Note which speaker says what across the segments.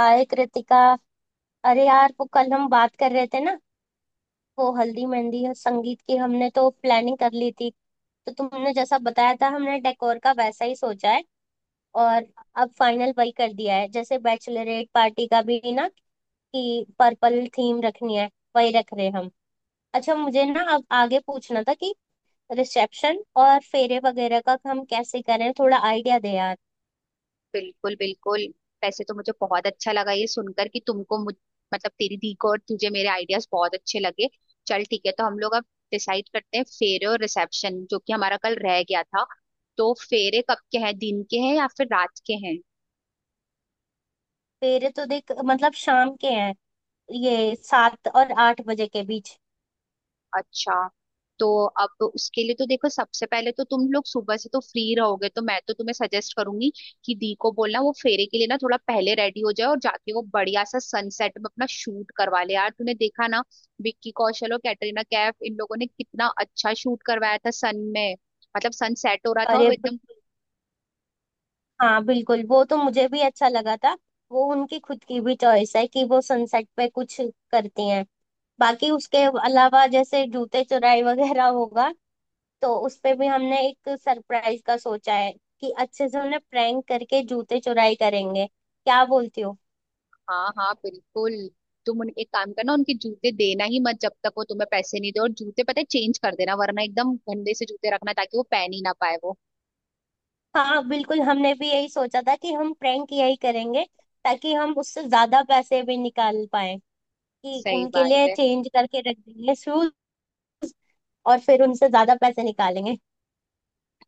Speaker 1: हाय कृतिका। अरे यार, वो कल हम बात कर रहे थे ना। वो हल्दी मेहंदी और संगीत की हमने तो प्लानिंग कर ली थी। तो तुमने जैसा बताया था हमने डेकोर का वैसा ही सोचा है। और अब फाइनल वही कर दिया है जैसे बैचलरेट पार्टी का भी ना, कि पर्पल थीम रखनी है। वही रख रहे हैं हम। अच्छा मुझे ना अब आगे पूछना था कि रिसेप्शन और फेरे वगैरह का हम कैसे करें, थोड़ा आइडिया दे यार।
Speaker 2: बिल्कुल बिल्कुल। वैसे तो मुझे बहुत अच्छा लगा ये सुनकर कि तुमको मुझ मतलब तेरी दी को और तुझे मेरे आइडियाज बहुत अच्छे लगे। चल ठीक है, तो हम लोग अब डिसाइड करते हैं फेरे और रिसेप्शन, जो कि हमारा कल रह गया था। तो फेरे कब के हैं, दिन के हैं या फिर रात के हैं?
Speaker 1: फेरे तो देख मतलब शाम के हैं, ये 7 और 8 बजे के बीच।
Speaker 2: अच्छा, तो अब उसके लिए तो देखो, सबसे पहले तो तुम लोग सुबह से तो फ्री रहोगे, तो मैं तो तुम्हें सजेस्ट करूंगी कि दी को बोलना वो फेरे के लिए ना थोड़ा पहले रेडी हो जाए और जाके वो बढ़िया सा सनसेट में अपना शूट करवा ले। यार, तूने देखा ना विक्की कौशल और कैटरीना कैफ इन लोगों ने कितना अच्छा शूट करवाया था सन में। मतलब सनसेट हो रहा था और
Speaker 1: अरे
Speaker 2: वो एकदम।
Speaker 1: बिल्कुल। हाँ बिल्कुल, वो तो मुझे भी अच्छा लगा था। वो उनकी खुद की भी चॉइस है कि वो सनसेट पे कुछ करती हैं। बाकी उसके अलावा जैसे जूते चुराई वगैरह होगा तो उस पे भी हमने एक सरप्राइज का सोचा है कि अच्छे से उन्हें प्रैंक करके जूते चुराई करेंगे, क्या बोलती हो।
Speaker 2: हाँ हाँ बिल्कुल। तुम उन एक काम करना, उनके जूते देना ही मत जब तक वो तुम्हें पैसे नहीं दे, और जूते पता है चेंज कर देना, वरना एकदम गंदे से जूते रखना ताकि वो पहन ही ना पाए वो।
Speaker 1: हाँ बिल्कुल, हमने भी यही सोचा था कि हम प्रैंक यही करेंगे, ताकि हम उससे ज्यादा पैसे भी निकाल पाए। कि
Speaker 2: सही
Speaker 1: उनके
Speaker 2: बात
Speaker 1: लिए
Speaker 2: है।
Speaker 1: चेंज करके रख देंगे शूज, और फिर उनसे ज्यादा पैसे निकालेंगे।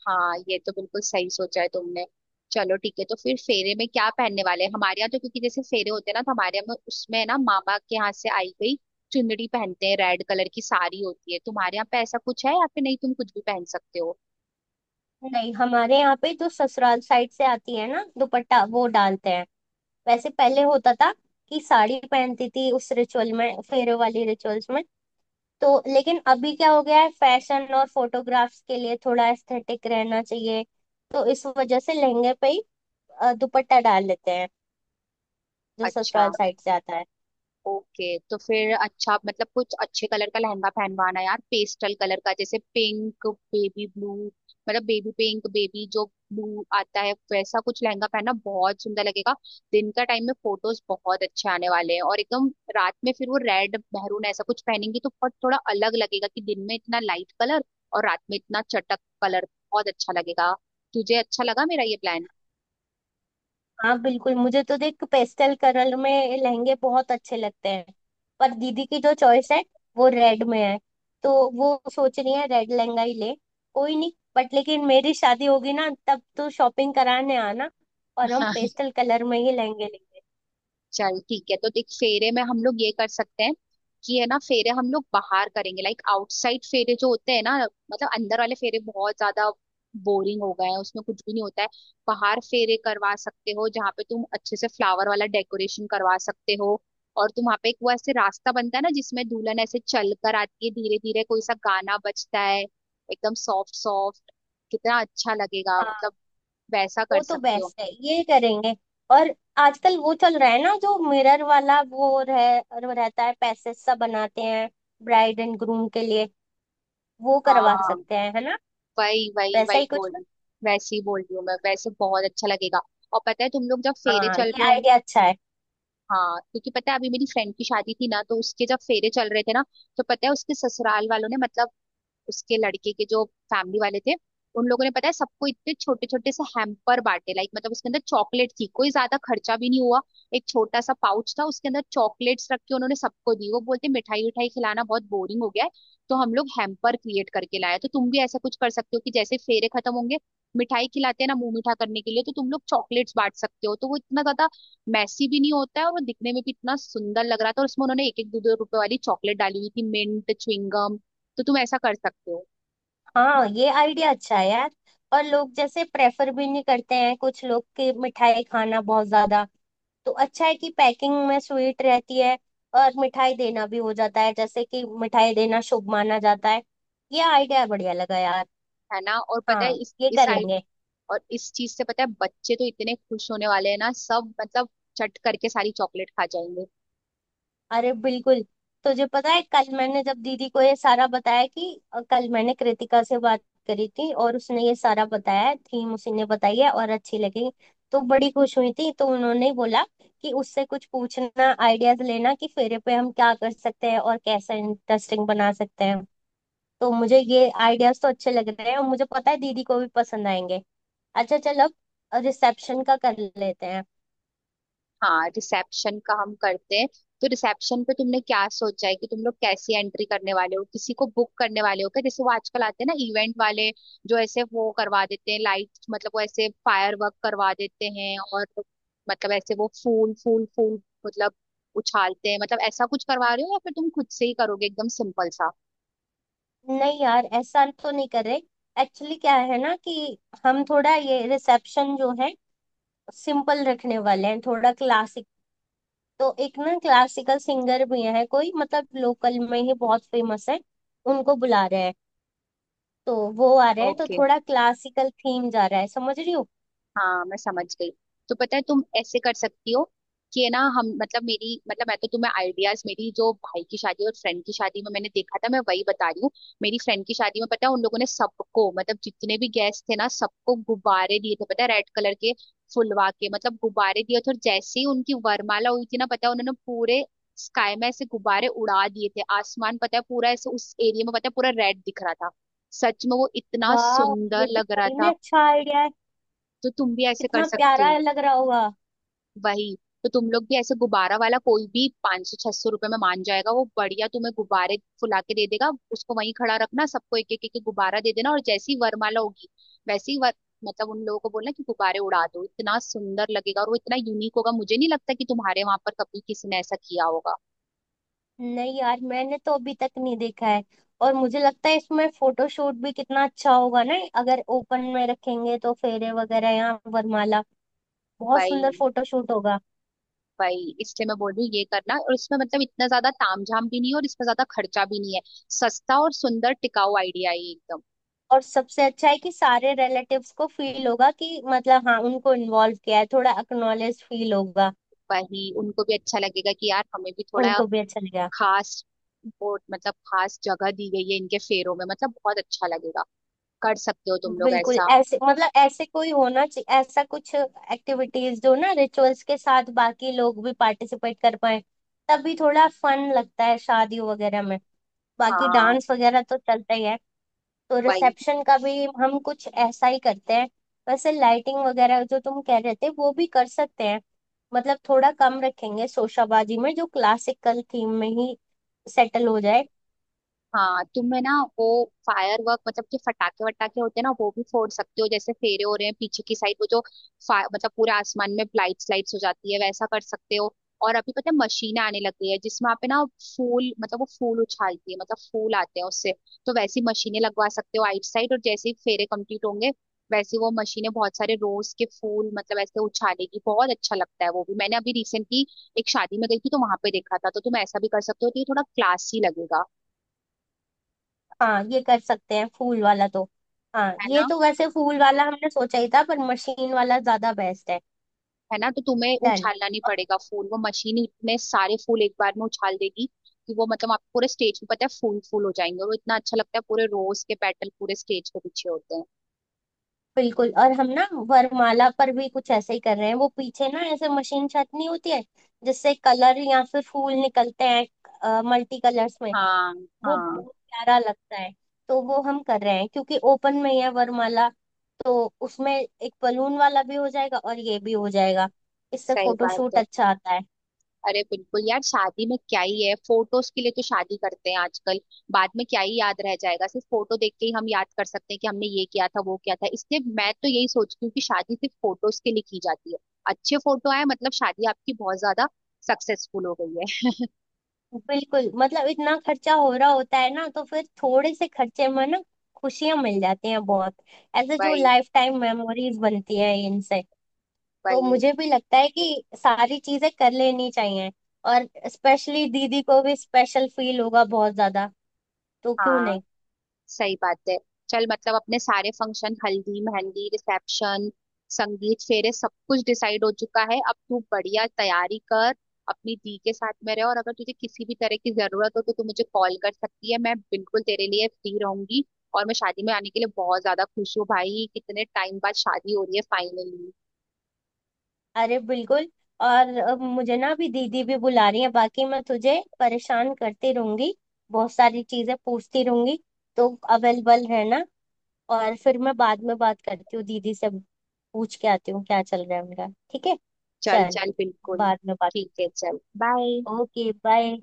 Speaker 2: हाँ, ये तो बिल्कुल सही सोचा है तुमने। चलो ठीक है, तो फिर फेरे में क्या पहनने वाले हैं? हमारे यहाँ तो, क्योंकि जैसे फेरे होते हैं ना, तो हमारे यहाँ में उसमें ना मामा के यहाँ से आई गई चुनरी पहनते हैं, रेड कलर की साड़ी होती है। तुम्हारे यहाँ पे ऐसा कुछ है या फिर नहीं, तुम कुछ भी पहन सकते हो?
Speaker 1: नहीं, हमारे यहाँ पे जो ससुराल साइड से आती है ना दुपट्टा, वो डालते हैं। वैसे पहले होता था कि साड़ी पहनती थी उस रिचुअल में, फेरे वाली रिचुअल्स में। तो लेकिन अभी क्या हो गया है, फैशन और फोटोग्राफ्स के लिए थोड़ा एस्थेटिक रहना चाहिए। तो इस वजह से लहंगे पे ही दुपट्टा डाल लेते हैं, जो
Speaker 2: अच्छा।
Speaker 1: ससुराल साइड से आता है।
Speaker 2: ओके, तो फिर अच्छा, मतलब कुछ अच्छे कलर का लहंगा पहनवाना यार, पेस्टल कलर का, जैसे पिंक, बेबी ब्लू। मतलब बेबी पिंक, बेबी जो ब्लू आता है, वैसा कुछ लहंगा पहनना बहुत सुंदर लगेगा। दिन का टाइम में फोटोज बहुत अच्छे आने वाले हैं और एकदम। रात में फिर वो रेड मेहरून ऐसा कुछ पहनेंगी तो बहुत थोड़ा अलग लगेगा कि दिन में इतना लाइट कलर और रात में इतना चटक कलर, बहुत अच्छा लगेगा। तुझे अच्छा लगा मेरा ये प्लान?
Speaker 1: हाँ बिल्कुल, मुझे तो देख पेस्टल कलर में लहंगे बहुत अच्छे लगते हैं। पर दीदी की जो चॉइस है वो रेड में है। तो वो सोच रही है रेड लहंगा ही ले। कोई नहीं, बट लेकिन मेरी शादी होगी ना, तब तो शॉपिंग कराने आना, और हम पेस्टल कलर में ही लहंगे लेंगे।
Speaker 2: चल ठीक है, तो देख फेरे में हम लोग ये कर सकते हैं कि है ना, फेरे हम लोग बाहर करेंगे, लाइक आउटसाइड फेरे जो होते हैं ना। मतलब अंदर वाले फेरे बहुत ज्यादा बोरिंग हो गए हैं, उसमें कुछ भी नहीं होता है। बाहर फेरे करवा सकते हो जहाँ पे तुम अच्छे से फ्लावर वाला डेकोरेशन करवा सकते हो। और तुम वहाँ पे एक वो ऐसे रास्ता बनता है ना जिसमें दुल्हन ऐसे चल कर आती है धीरे धीरे, कोई सा गाना बजता है एकदम सॉफ्ट सॉफ्ट। कितना अच्छा लगेगा मतलब।
Speaker 1: हाँ
Speaker 2: वैसा कर
Speaker 1: वो तो
Speaker 2: सकते हो।
Speaker 1: बेस्ट है, ये करेंगे। और आजकल वो चल रहा है ना, जो मिरर वाला, वो रहता है, पैसेज सा बनाते हैं ब्राइड एंड ग्रूम के लिए। वो करवा
Speaker 2: हाँ।
Speaker 1: सकते हैं है ना,
Speaker 2: वही वही
Speaker 1: वैसा ही
Speaker 2: वही बोल
Speaker 1: कुछ।
Speaker 2: रही, वैसे ही बोल रही हूँ मैं। वैसे बहुत अच्छा लगेगा। और पता है, तुम लोग जब फेरे
Speaker 1: हाँ
Speaker 2: चल
Speaker 1: ये
Speaker 2: रहे होंगे,
Speaker 1: आइडिया अच्छा है।
Speaker 2: हाँ, क्योंकि पता है अभी मेरी फ्रेंड की शादी थी ना, तो उसके जब फेरे चल रहे थे ना, तो पता है उसके ससुराल वालों ने, मतलब उसके लड़के के जो फैमिली वाले थे, उन लोगों ने पता है सबको इतने छोटे छोटे से हैम्पर बांटे, लाइक मतलब उसके अंदर चॉकलेट थी, कोई ज्यादा खर्चा भी नहीं हुआ। एक छोटा सा पाउच था, उसके अंदर चॉकलेट्स रख के उन्होंने सबको दी। वो बोलते मिठाई विठाई खिलाना बहुत बोरिंग हो गया है, तो हम लोग हैम्पर क्रिएट करके लाए। तो तुम भी ऐसा कुछ कर सकते हो कि जैसे फेरे खत्म होंगे, मिठाई खिलाते हैं ना मुंह मीठा करने के लिए, तो तुम लोग चॉकलेट्स बांट सकते हो। तो वो इतना ज्यादा मैसी भी नहीं होता है और वो दिखने में भी इतना सुंदर लग रहा था, और उसमें उन्होंने एक एक दो दो रुपए वाली चॉकलेट डाली हुई थी, मिंट च्युइंगम। तो तुम ऐसा कर सकते हो।
Speaker 1: हाँ ये आइडिया अच्छा है यार। और लोग जैसे प्रेफर भी नहीं करते हैं, कुछ लोग की मिठाई खाना बहुत ज्यादा। तो अच्छा है कि पैकिंग में स्वीट रहती है, और मिठाई देना भी हो जाता है, जैसे कि मिठाई देना शुभ माना जाता है। ये आइडिया बढ़िया लगा यार।
Speaker 2: है ना, और पता है
Speaker 1: हाँ
Speaker 2: इस
Speaker 1: ये
Speaker 2: इस आइडिया
Speaker 1: करेंगे।
Speaker 2: और इस चीज से पता है बच्चे तो इतने खुश होने वाले हैं ना सब, मतलब चट करके सारी चॉकलेट खा जाएंगे।
Speaker 1: अरे बिल्कुल। तुझे पता है कल मैंने जब दीदी को ये सारा बताया कि कल मैंने कृतिका से बात करी थी और उसने ये सारा बताया है, थीम उसी ने बताई है और अच्छी लगी, तो बड़ी खुश हुई थी। तो उन्होंने ही बोला कि उससे कुछ पूछना, आइडियाज लेना कि फेरे पे हम क्या कर सकते हैं और कैसे इंटरेस्टिंग बना सकते हैं। तो मुझे ये आइडियाज तो अच्छे लग रहे हैं, और मुझे पता है दीदी को भी पसंद आएंगे। अच्छा चल, अब रिसेप्शन का कर लेते हैं।
Speaker 2: हाँ, रिसेप्शन का हम करते हैं। तो रिसेप्शन पे तुमने क्या सोचा है कि तुम लोग कैसी एंट्री करने वाले हो? किसी को बुक करने वाले हो क्या, जैसे वो आजकल आते हैं ना इवेंट वाले, जो ऐसे वो करवा देते हैं लाइट, मतलब वो ऐसे फायर वर्क करवा देते हैं? और मतलब ऐसे वो फूल फूल फूल, मतलब उछालते हैं, मतलब ऐसा कुछ करवा रहे हो या फिर तुम खुद से ही करोगे एकदम सिंपल सा?
Speaker 1: नहीं यार, ऐसा तो नहीं कर रहे। एक्चुअली क्या है ना, कि हम थोड़ा ये रिसेप्शन जो है सिंपल रखने वाले हैं, थोड़ा क्लासिक। तो एक ना क्लासिकल सिंगर भी है कोई, मतलब लोकल में ही बहुत फेमस है, उनको बुला रहे हैं। तो वो आ रहे हैं, तो
Speaker 2: ओके।
Speaker 1: थोड़ा क्लासिकल थीम जा रहा है, समझ रही हो।
Speaker 2: हाँ मैं समझ गई। तो पता है तुम ऐसे कर सकती हो कि है ना, हम मतलब मेरी मतलब, मैं तो तुम्हें आइडियाज मेरी जो भाई की शादी और फ्रेंड की शादी में मैंने देखा था, मैं वही बता रही हूँ। मेरी फ्रेंड की शादी में पता है उन लोगों ने सबको, मतलब जितने भी गेस्ट थे ना, सबको गुब्बारे दिए थे, पता है रेड कलर के, फुलवा के, मतलब गुब्बारे दिए थे। और जैसे ही उनकी वरमाला हुई थी ना, पता है उन्होंने पूरे स्काई में ऐसे गुब्बारे उड़ा दिए थे। आसमान पता है पूरा ऐसे उस एरिया में, पता है पूरा रेड दिख रहा था। सच में वो इतना
Speaker 1: वाह,
Speaker 2: सुंदर
Speaker 1: ये तो
Speaker 2: लग रहा
Speaker 1: सही में
Speaker 2: था।
Speaker 1: अच्छा आइडिया है।
Speaker 2: तो तुम भी ऐसे कर
Speaker 1: कितना
Speaker 2: सकते
Speaker 1: प्यारा
Speaker 2: हो।
Speaker 1: लग रहा होगा।
Speaker 2: वही। तो तुम लोग भी ऐसे गुब्बारा वाला कोई भी 500 छह सौ रुपए में मान जाएगा, वो बढ़िया तुम्हें गुब्बारे फुला के दे देगा, उसको वहीं खड़ा रखना, सबको एक एक एक एक गुब्बारा दे देना, और जैसी वरमाला होगी वैसे ही वर, मतलब उन लोगों को बोलना कि गुब्बारे उड़ा दो। इतना सुंदर लगेगा और वो इतना यूनिक होगा, मुझे नहीं लगता कि तुम्हारे वहां पर कभी किसी ने ऐसा किया होगा।
Speaker 1: नहीं यार, मैंने तो अभी तक नहीं देखा है। और मुझे लगता है इसमें फोटोशूट भी कितना अच्छा होगा ना, अगर ओपन में रखेंगे तो फेरे वगैरह या वरमाला, बहुत
Speaker 2: भाई,
Speaker 1: सुंदर फोटोशूट होगा।
Speaker 2: भाई इसलिए मैं बोल रही हूँ ये करना, और इसमें मतलब इतना ज्यादा तामझाम भी नहीं है, और इसमें ज्यादा खर्चा भी नहीं है। सस्ता और सुंदर टिकाऊ आइडिया है ये एकदम।
Speaker 1: और सबसे अच्छा है कि सारे रिलेटिव्स को फील होगा कि मतलब हाँ, उनको इन्वॉल्व किया है, थोड़ा अक्नॉलेज फील होगा।
Speaker 2: वही, उनको भी अच्छा लगेगा कि यार हमें भी थोड़ा
Speaker 1: उनको भी अच्छा लगेगा।
Speaker 2: खास बोर्ड, मतलब खास जगह दी गई है इनके फेरों में, मतलब बहुत अच्छा लगेगा। कर सकते हो तुम लोग
Speaker 1: बिल्कुल,
Speaker 2: ऐसा।
Speaker 1: ऐसे मतलब ऐसे कोई होना चाहिए ऐसा कुछ एक्टिविटीज जो ना रिचुअल्स के साथ बाकी लोग भी पार्टिसिपेट कर पाए। तभी थोड़ा फन लगता है शादी वगैरह में। बाकी
Speaker 2: हाँ।
Speaker 1: डांस वगैरह तो चलता ही है। तो
Speaker 2: वही।
Speaker 1: रिसेप्शन का भी हम कुछ ऐसा ही करते हैं। वैसे लाइटिंग वगैरह जो तुम कह रहे थे वो भी कर सकते हैं। मतलब थोड़ा कम रखेंगे शोशाबाजी में, जो क्लासिकल थीम में ही सेटल हो जाए।
Speaker 2: हाँ, तुम्हें ना वो फायर वर्क, मतलब जो फटाके वटाके होते हैं ना, वो भी फोड़ सकते हो, जैसे फेरे हो रहे हैं पीछे की साइड वो जो मतलब पूरे आसमान में लाइट्स लाइट्स हो जाती है, वैसा कर सकते हो। और अभी पता है मशीनें आने लग गई है जिसमें आप है ना फूल, मतलब वो फूल उछालती है, मतलब फूल आते हैं उससे। तो वैसी मशीनें लगवा सकते हो आइट साइड, और जैसे ही फेरे कंप्लीट होंगे, वैसे वो मशीनें बहुत सारे रोज के फूल मतलब ऐसे उछालेगी। बहुत अच्छा लगता है वो भी, मैंने अभी रिसेंटली एक शादी में गई थी तो वहां पे देखा था, तो तुम ऐसा भी कर सकते हो। तो ये थोड़ा क्लासी लगेगा।
Speaker 1: हाँ ये कर सकते हैं, फूल वाला तो। हाँ
Speaker 2: है
Speaker 1: ये
Speaker 2: ना।
Speaker 1: तो वैसे फूल वाला हमने सोचा ही था, पर मशीन वाला ज्यादा बेस्ट है।
Speaker 2: है ना, तो तुम्हें
Speaker 1: डन।
Speaker 2: उछालना नहीं पड़ेगा फूल, वो मशीन इतने सारे फूल एक बार में उछाल देगी कि वो मतलब आप पूरे स्टेज पे पता है फूल फूल हो जाएंगे, और वो इतना अच्छा लगता है, पूरे रोज के पेटल पूरे स्टेज के पीछे होते हैं।
Speaker 1: बिल्कुल, और हम ना वरमाला पर भी कुछ ऐसे ही कर रहे हैं। वो पीछे ना ऐसे मशीन छाटनी होती है, जिससे कलर या फिर फूल निकलते हैं, मल्टी कलर्स में।
Speaker 2: हाँ।
Speaker 1: वो
Speaker 2: हाँ।
Speaker 1: बहुत प्यारा लगता है। तो वो हम कर रहे हैं, क्योंकि ओपन में ही है वरमाला। तो उसमें एक बलून वाला भी हो जाएगा और ये भी हो जाएगा, इससे
Speaker 2: सही बात
Speaker 1: फोटोशूट
Speaker 2: है।
Speaker 1: अच्छा आता है।
Speaker 2: अरे बिल्कुल यार, शादी में क्या ही है, फोटोज के लिए तो शादी करते हैं आजकल। बाद में क्या ही याद रह जाएगा, सिर्फ फोटो देख के ही हम याद कर सकते हैं कि हमने ये किया था वो किया था, इसलिए मैं तो यही सोचती हूँ कि शादी सिर्फ फोटोज के लिए की जाती है। अच्छे फोटो आए मतलब शादी आपकी बहुत ज्यादा सक्सेसफुल हो गई।
Speaker 1: बिल्कुल, मतलब इतना खर्चा हो रहा होता है ना, तो फिर थोड़े से खर्चे में ना खुशियां मिल जाती हैं बहुत। ऐसे
Speaker 2: है
Speaker 1: जो लाइफ टाइम मेमोरीज बनती है इनसे। तो
Speaker 2: वही।
Speaker 1: मुझे भी लगता है कि सारी चीजें कर लेनी चाहिए, और स्पेशली दीदी को भी स्पेशल फील होगा बहुत ज्यादा, तो क्यों
Speaker 2: हाँ
Speaker 1: नहीं।
Speaker 2: सही बात है। चल मतलब अपने सारे फंक्शन, हल्दी, मेहंदी, रिसेप्शन, संगीत, फेरे, सब कुछ डिसाइड हो चुका है। अब तू बढ़िया तैयारी कर, अपनी दी के साथ में रह, और अगर तुझे किसी भी तरह की जरूरत हो तो तू मुझे कॉल कर सकती है, मैं बिल्कुल तेरे लिए फ्री रहूंगी। और मैं शादी में आने के लिए बहुत ज्यादा खुश हूँ भाई, कितने टाइम बाद शादी हो रही है फाइनली।
Speaker 1: अरे बिल्कुल। और मुझे ना अभी दीदी भी बुला रही है, बाकी मैं तुझे परेशान करती रहूंगी, बहुत सारी चीजें पूछती रहूंगी। तो अवेलेबल रहना। और फिर मैं बाद में बात करती हूँ दीदी से, पूछ के आती हूँ क्या चल रहा है उनका। ठीक है,
Speaker 2: चल
Speaker 1: चल,
Speaker 2: चल बिल्कुल।
Speaker 1: बाद में बात
Speaker 2: ठीक
Speaker 1: करते
Speaker 2: है चल। बाय।
Speaker 1: हैं। Okay bye.